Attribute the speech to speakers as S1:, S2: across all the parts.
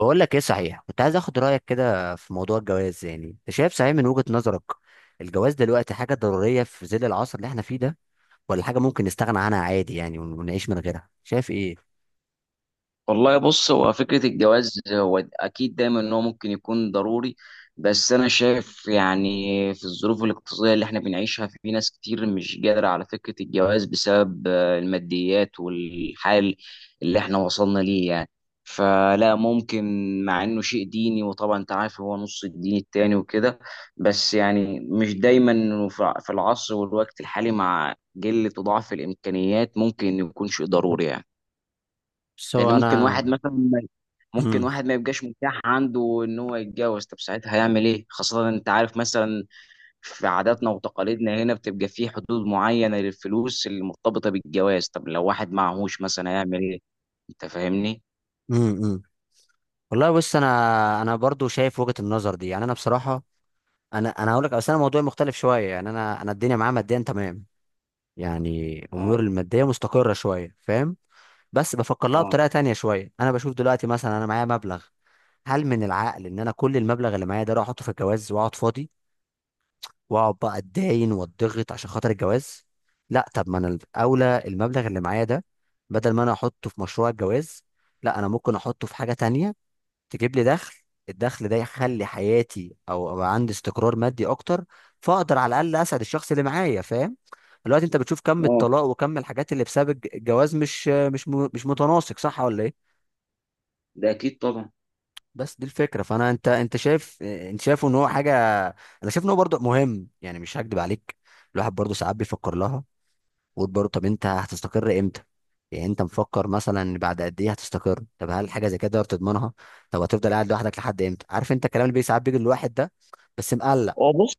S1: بقول لك ايه، صحيح كنت عايز اخد رايك كده في موضوع الجواز. يعني انت شايف صحيح من وجهة نظرك، الجواز دلوقتي حاجه ضروريه في ظل العصر اللي احنا فيه ده، ولا حاجه ممكن نستغنى عنها عادي؟ يعني ونعيش من غيرها، شايف ايه؟
S2: والله، بص، هو فكرة الجواز هو أكيد دايما إن هو ممكن يكون ضروري. بس أنا شايف يعني في الظروف الاقتصادية اللي إحنا بنعيشها في ناس كتير مش قادرة على فكرة الجواز بسبب الماديات والحال اللي إحنا وصلنا ليه يعني. فلا ممكن، مع إنه شيء ديني وطبعا أنت عارف هو نص الدين التاني وكده. بس يعني مش دايما إنه في العصر والوقت الحالي مع قلة وضعف الإمكانيات ممكن يكون شيء ضروري يعني.
S1: بس هو
S2: لان ممكن
S1: انا.
S2: واحد مثلا ممكن
S1: امم.
S2: واحد ما يبقاش متاح عنده ان هو يتجوز. طب ساعتها هيعمل ايه؟ خاصة انت عارف مثلا في عاداتنا وتقاليدنا هنا بتبقى في حدود معينة للفلوس اللي مرتبطة بالجواز. طب لو واحد معهوش مثلا هيعمل ايه؟ انت فاهمني.
S1: امم. والله بص، انا برضو شايف وجهة النظر دي. يعني انا بصراحه، انا هقول لك، بس انا موضوعي مختلف شويه. يعني انا الدنيا معايا ماديا تمام، يعني
S2: اه.
S1: اموري الماديه مستقره شويه، فاهم؟ بس بفكر لها
S2: اه.
S1: بطريقه تانية شويه. انا بشوف دلوقتي مثلا انا معايا مبلغ، هل من العقل ان انا كل المبلغ اللي معايا ده اروح احطه في الجواز واقعد فاضي؟ واقعد بقى اتداين واتضغط عشان خاطر الجواز؟ لا، طب ما انا الاولى المبلغ اللي معايا ده، بدل ما انا احطه في مشروع الجواز، لا انا ممكن احطه في حاجه تانية تجيب لي دخل. الدخل ده يخلي حياتي، او أبقى عندي استقرار مادي اكتر، فاقدر على الاقل اسعد الشخص اللي معايا، فاهم؟ دلوقتي انت بتشوف كم
S2: اه.
S1: الطلاق وكم الحاجات اللي بسبب الجواز، مش متناسق، صح ولا ايه؟
S2: ده اكيد طبعا.
S1: بس دي الفكره. فانا انت شايف، انت شايفه ان هو حاجه، انا شايف ان هو برضه مهم. يعني مش هكدب عليك، الواحد برضه ساعات بيفكر لها ويقول برضه، طب انت هتستقر امتى؟ يعني انت مفكر مثلا إن بعد قد ايه هتستقر؟ طب هل حاجه زي كده تقدر تضمنها؟ طب هتفضل قاعد لوحدك لحد امتى؟ عارف انت الكلام اللي ساعات بيجي للواحد ده، بس مقلق.
S2: هو بص،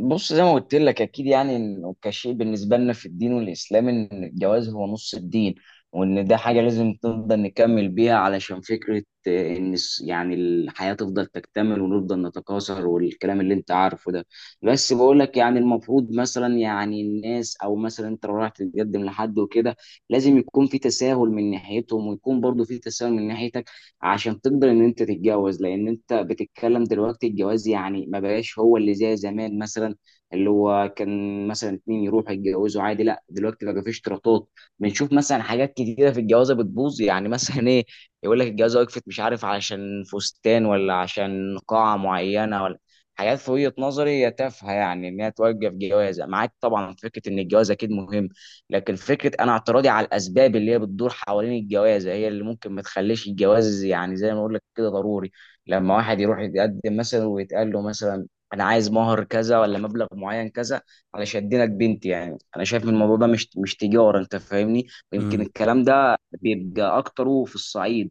S2: بص زي ما قلت لك اكيد يعني انه كشيء بالنسبه لنا في الدين والاسلام ان الجواز هو نص الدين، وان ده حاجه لازم نفضل نكمل بيها علشان فكره ان يعني الحياه تفضل تكتمل ونفضل نتكاثر والكلام اللي انت عارفه ده. بس بقول لك يعني المفروض مثلا يعني الناس او مثلا انت لو رايح تتقدم لحد وكده لازم يكون في تساهل من ناحيتهم ويكون برضو في تساهل من ناحيتك عشان تقدر ان انت تتجوز. لان انت بتتكلم دلوقتي الجواز يعني ما بقاش هو اللي زي زمان مثلا، اللي هو كان مثلا اتنين يروحوا يتجوزوا عادي. لا دلوقتي بقى في اشتراطات. بنشوف مثلا حاجات كتيره في الجوازه بتبوظ يعني مثلا ايه. يقول لك الجوازه وقفت مش عارف علشان فستان ولا عشان قاعه معينه ولا حاجات في وجهه نظري هي تافهه يعني ان هي توقف جوازه معاك. طبعا في فكره ان الجواز اكيد مهم، لكن فكره انا اعتراضي على الاسباب اللي هي بتدور حوالين الجوازه هي اللي ممكن ما تخليش الجواز يعني زي ما اقول لك كده ضروري. لما واحد يروح يتقدم مثلا ويتقال له مثلا انا عايز مهر كذا ولا مبلغ معين كذا على شدينك بنتي، يعني انا شايف إن الموضوع ده مش تجاره. انت فاهمني. ويمكن
S1: امم.
S2: الكلام ده بيبقى اكتره في الصعيد،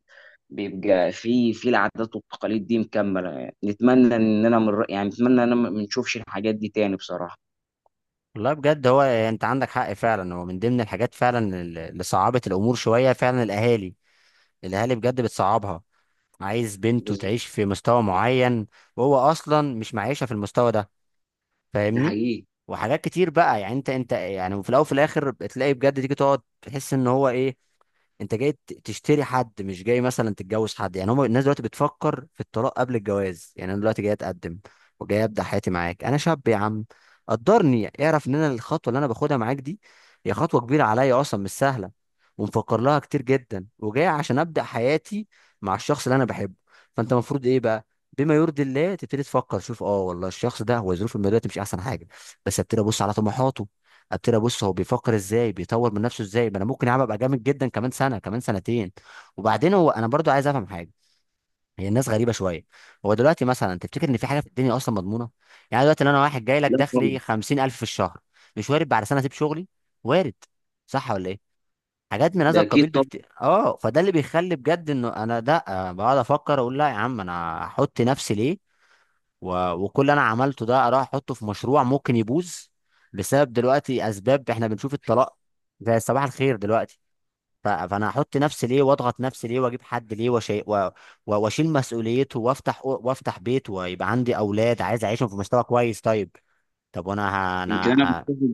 S2: بيبقى في العادات والتقاليد دي مكمله يعني. نتمنى اننا من يعني نتمنى ان أنا ما نشوفش الحاجات دي تاني بصراحه.
S1: والله بجد هو انت عندك حق فعلا. هو من ضمن الحاجات فعلا اللي صعبت الامور شويه فعلا الاهالي. الاهالي بجد بتصعبها، عايز بنته
S2: بالظبط.
S1: تعيش في مستوى معين وهو اصلا مش معيشها في المستوى ده،
S2: ده
S1: فاهمني؟
S2: حقيقي.
S1: وحاجات كتير بقى. يعني انت يعني، وفي الاول وفي الاخر بتلاقي بجد تيجي تقعد تحس ان هو ايه، انت جاي تشتري حد، مش جاي مثلا تتجوز حد. يعني هم الناس دلوقتي بتفكر في الطلاق قبل الجواز. يعني انا دلوقتي جاي اتقدم وجاي ابدا حياتي معاك، انا شاب يا عم. قدرني اعرف ان انا الخطوه اللي انا باخدها معاك دي هي خطوه كبيره عليا اصلا، مش سهله ومفكر لها كتير جدا، وجاي عشان ابدا حياتي مع الشخص اللي انا بحبه. فانت المفروض ايه بقى؟ بما يرضي الله تبتدي تفكر، شوف اه والله الشخص ده هو ظروفه الماديه دلوقتي مش احسن حاجه، بس ابتدي ابص على طموحاته. قلت له بص هو بيفكر ازاي، بيطور من نفسه ازاي، ما انا ممكن يا عم ابقى جامد جدا كمان سنه كمان سنتين. وبعدين هو انا برضو عايز افهم حاجه، هي الناس غريبه شويه. هو دلوقتي مثلا تفتكر ان في حاجه في الدنيا اصلا مضمونه؟ يعني دلوقتي لو انا واحد جاي لك
S2: لا طبعا.
S1: دخلي 50,000 في الشهر، مش وارد بعد سنه اسيب شغلي؟ وارد. صح ولا ايه؟ حاجات من هذا
S2: ده اكيد
S1: القبيل
S2: طبعا.
S1: بكتير. اه، فده اللي بيخلي بجد انه انا ده بقعد افكر اقول لا يا عم، انا احط نفسي ليه وكل اللي انا عملته ده اروح احطه في مشروع ممكن يبوظ، بسبب دلوقتي اسباب احنا بنشوف الطلاق زي صباح الخير دلوقتي. فانا احط نفسي ليه واضغط نفسي ليه واجيب حد ليه واشيل مسؤوليته، وافتح بيت ويبقى عندي اولاد عايز اعيشهم في مستوى كويس. طيب، طب وانا انا
S2: يمكن انا
S1: ه...
S2: بتفق-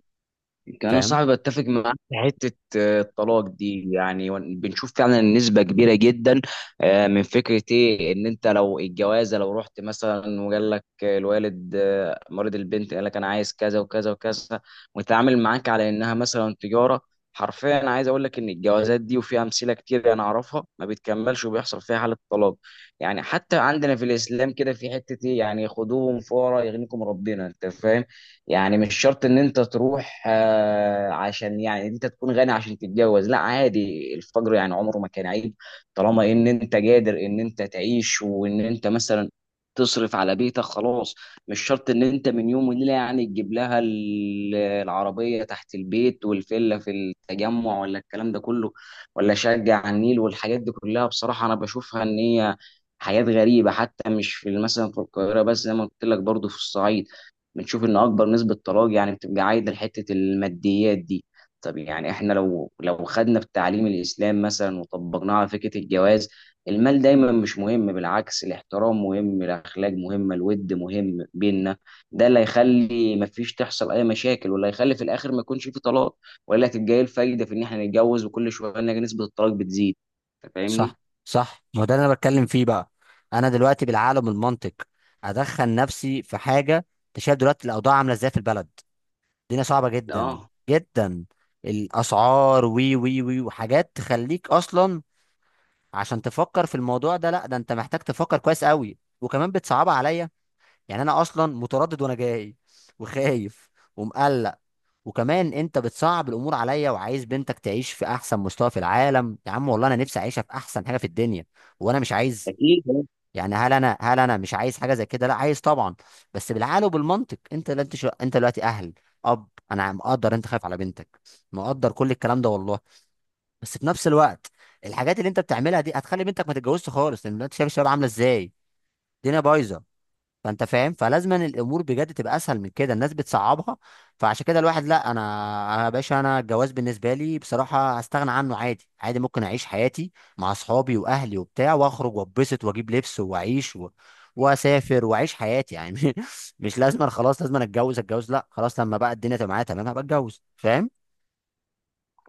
S2: يمكن انا
S1: فاهم.
S2: صاحبي بتفق معاك في حته. الطلاق دي يعني بنشوف فعلا نسبه كبيره جدا من فكره ايه ان انت لو الجوازه لو رحت مثلا وقال لك الوالد مريض البنت قال لك انا عايز كذا وكذا وكذا، وتعامل معاك على انها مثلا تجاره. حرفيا انا عايز اقول لك ان الجوازات دي وفي امثله كتير انا اعرفها ما بتكملش وبيحصل فيها حاله طلاق. يعني حتى عندنا في الاسلام كده في حته ايه يعني خدوهم فورا يغنيكم ربنا. انت فاهم. يعني مش شرط ان انت تروح عشان يعني انت تكون غني عشان تتجوز. لا عادي الفجر يعني عمره ما كان عيب. طالما ان انت قادر ان انت تعيش وان انت مثلا تصرف على بيتك خلاص. مش شرط ان انت من يوم وليله يعني تجيب لها العربيه تحت البيت والفيلا في التجمع ولا الكلام ده كله ولا شقه على النيل والحاجات دي كلها، بصراحه انا بشوفها ان هي حياة غريبة. حتى مش في مثلا في القاهرة بس، زي ما قلت لك برضه في الصعيد بنشوف ان اكبر نسبه طلاق يعني بتبقى عايده لحته الماديات دي. طب يعني احنا لو خدنا في تعليم الاسلام مثلا وطبقناه على فكره الجواز، المال دايما مش مهم بالعكس. الاحترام مهم، الاخلاق مهمه، الود مهم بينا، ده اللي هيخلي مفيش تحصل اي مشاكل واللي هيخلي في الاخر ما يكونش في طلاق. ولا تبقى ايه الفايده في ان احنا نتجوز وكل شويه نلاقي نسبه الطلاق بتزيد؟ أنت فاهمني.
S1: صح. صح، ما هو ده اللي انا بتكلم فيه بقى. انا دلوقتي بالعقل وبالمنطق ادخل نفسي في حاجه، انت شايف دلوقتي الاوضاع عامله ازاي في البلد، الدنيا صعبة جدا.
S2: اه
S1: جدا. الأسعار، وي وي وي، وحاجات تخليك أصلا عشان تفكر في الموضوع ده، لا ده أنت محتاج تفكر كويس قوي، وكمان بتصعبها عليا. يعني أنا أصلا متردد وأنا جاي وخايف ومقلق، وكمان أنت بتصعب الأمور عليا، وعايز بنتك تعيش في أحسن مستوى في العالم. يا عم والله أنا نفسي أعيشها في أحسن حاجة في الدنيا، وأنا مش عايز،
S2: اكيد.
S1: يعني هل انا مش عايز حاجه زي كده؟ لا، عايز طبعا. بس بالعقل وبالمنطق، انت لا انت انت دلوقتي اهل، اب، انا مقدر انت خايف على بنتك، مقدر كل الكلام ده والله. بس في نفس الوقت، الحاجات اللي انت بتعملها دي هتخلي بنتك ما تتجوزش خالص، لان انت شايف الشباب عامله ازاي، الدنيا بايظه. فانت فاهم، فلازم أن الامور بجد تبقى اسهل من كده، الناس بتصعبها. فعشان كده الواحد، لا انا. انا يا باشا، انا الجواز بالنسبه لي بصراحه هستغنى عنه عادي عادي، ممكن اعيش حياتي مع اصحابي واهلي وبتاع واخرج واتبسط واجيب لبس واعيش واسافر واعيش حياتي. يعني مش لازم أنا خلاص، لازم أنا اتجوز. لا خلاص، لما بقى الدنيا تبقى معايا تمام هبقى اتجوز، فاهم؟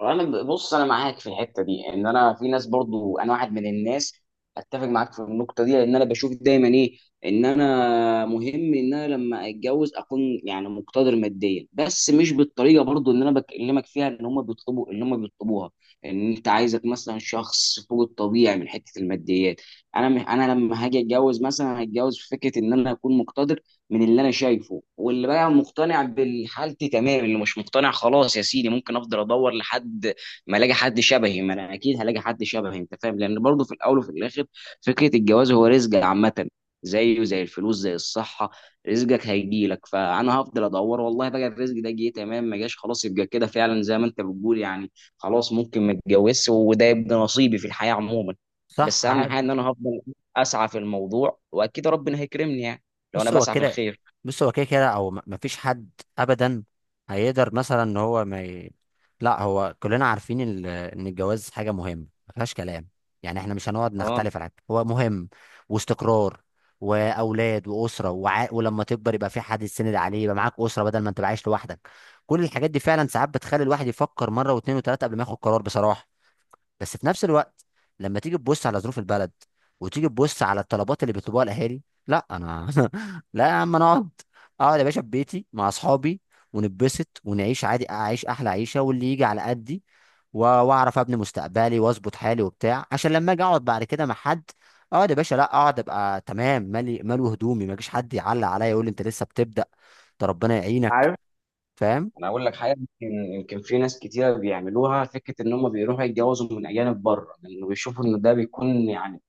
S2: بص انا معاك في الحته دي ان انا في ناس برضو انا واحد من الناس اتفق معاك في النقطه دي. لان انا بشوف دايما ايه، ان انا مهم ان انا لما اتجوز اكون يعني مقتدر ماديا. بس مش بالطريقه برضو اللي انا بكلمك فيها ان هم بيطلبوا ان هم بيطلبوها، ان انت عايزك مثلا شخص فوق الطبيعي من حته الماديات. انا لما هاجي اتجوز مثلا هتجوز في فكره ان انا اكون مقتدر من اللي انا شايفه، واللي بقى مقتنع بالحالتي تمام، اللي مش مقتنع خلاص يا سيدي ممكن افضل ادور لحد ما الاقي حد شبهي. ما انا اكيد هلاقي حد شبهي. انت فاهم. لان برضه في الاول وفي الاخر فكره الجواز هو رزق عامه، زيه زي الفلوس زي الصحه. رزقك هيجي لك، فانا هفضل ادور. والله بقى الرزق ده جه تمام، ما جاش خلاص يبقى كده فعلا زي ما انت بتقول يعني. خلاص ممكن ما اتجوزش وده يبقى نصيبي في الحياه عموما.
S1: صح
S2: بس اهم
S1: عادي.
S2: حاجه ان انا هفضل اسعى في الموضوع واكيد ربنا هيكرمني يعني لو انا
S1: بص هو
S2: بسعى في
S1: كده.
S2: الخير.
S1: كده او ما فيش حد ابدا هيقدر مثلا ان هو ما ي... لا، هو كلنا عارفين ان الجواز حاجه مهمه ما فيهاش كلام. يعني احنا مش هنقعد
S2: اه.
S1: نختلف على حاجه، هو مهم واستقرار واولاد واسره، ولما تكبر يبقى في حد يسند عليه، يبقى معاك اسره بدل ما انت عايش لوحدك. كل الحاجات دي فعلا ساعات بتخلي الواحد يفكر مره واثنين وثلاثه قبل ما ياخد قرار بصراحه. بس في نفس الوقت، لما تيجي تبص على ظروف البلد وتيجي تبص على الطلبات اللي بيطلبوها الاهالي، لا انا لا يا عم، انا اقعد. اقعد يا باشا في بيتي مع اصحابي، ونتبسط ونعيش عادي، اعيش احلى عيشه واللي يجي على قدي، واعرف ابني مستقبلي واظبط حالي وبتاع، عشان لما اجي اقعد بعد كده مع حد، اقعد يا باشا، لا اقعد ابقى تمام، مالي مالو، هدومي ما يجيش حد يعلق عليا يقول لي انت لسه بتبدا، ده ربنا يعينك،
S2: عارف،
S1: فاهم؟
S2: انا اقول لك حاجه. يمكن في ناس كتيره بيعملوها فكره ان هم بيروحوا يتجوزوا من اجانب بره لانه بيشوفوا ان ده بيكون يعني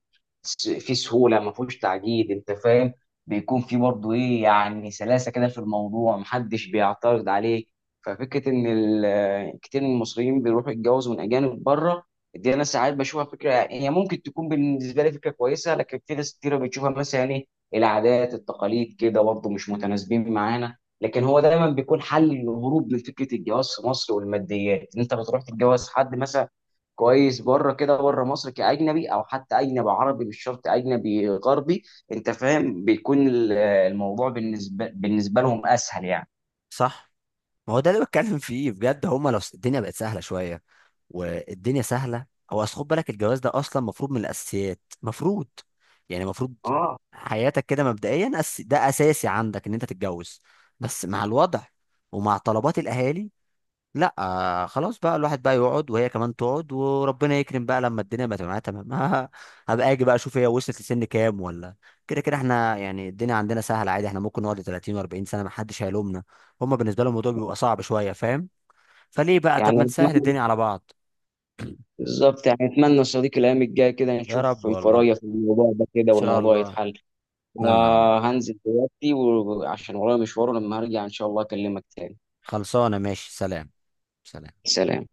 S2: في سهوله ما فيهوش تعقيد. انت فاهم. بيكون في برضه ايه يعني سلاسه كده في الموضوع محدش بيعترض عليك. ففكره ان كتير من المصريين بيروحوا يتجوزوا من اجانب بره دي انا ساعات بشوفها فكره هي ممكن تكون بالنسبه لي فكره كويسه. لكن في ناس كتير بتشوفها مثلا ايه، العادات التقاليد كده برضه مش متناسبين معانا. لكن هو دايما بيكون حل للهروب من فكره الجواز في مصر والماديات، ان انت بتروح تتجوز حد مثلا كويس بره كده، بره مصر كاجنبي او حتى اجنبي عربي مش شرط اجنبي غربي. انت فاهم. بيكون الموضوع بالنسبه لهم اسهل يعني.
S1: صح، ما هو ده اللي بتكلم فيه بجد. هما لو الدنيا بقت سهله شويه، والدنيا سهله. هو اصل خد بالك، الجواز ده اصلا مفروض من الاساسيات، مفروض. يعني مفروض
S2: اه.
S1: حياتك كده مبدئيا، ده اساسي عندك ان انت تتجوز. بس مع الوضع ومع طلبات الاهالي، لا آه خلاص بقى الواحد بقى يقعد وهي كمان تقعد وربنا يكرم بقى لما الدنيا بقى تبقى معاها تمام هبقى اجي بقى اشوف هي وصلت لسن كام ولا. كده كده احنا يعني الدنيا عندنا سهله عادي، احنا ممكن نقعد 30 و40 سنه ما حدش هيلومنا. هما بالنسبه لهم الموضوع بيبقى صعب شويه، فاهم؟ فليه بقى، طب
S2: يعني
S1: ما نسهل
S2: اتمنى،
S1: الدنيا على بعض.
S2: بالظبط، يعني اتمنى يا صديقي الايام الجايه كده
S1: يا
S2: نشوف
S1: رب، والله ان
S2: انفرايه في الموضوع ده كده
S1: شاء
S2: والموضوع
S1: الله.
S2: يتحل. انا
S1: اتمنى والله.
S2: هنزل دلوقتي وعشان ورايا مشوار، لما هرجع ان شاء الله اكلمك تاني.
S1: خلصانه، ماشي، سلام. سلام.
S2: سلام.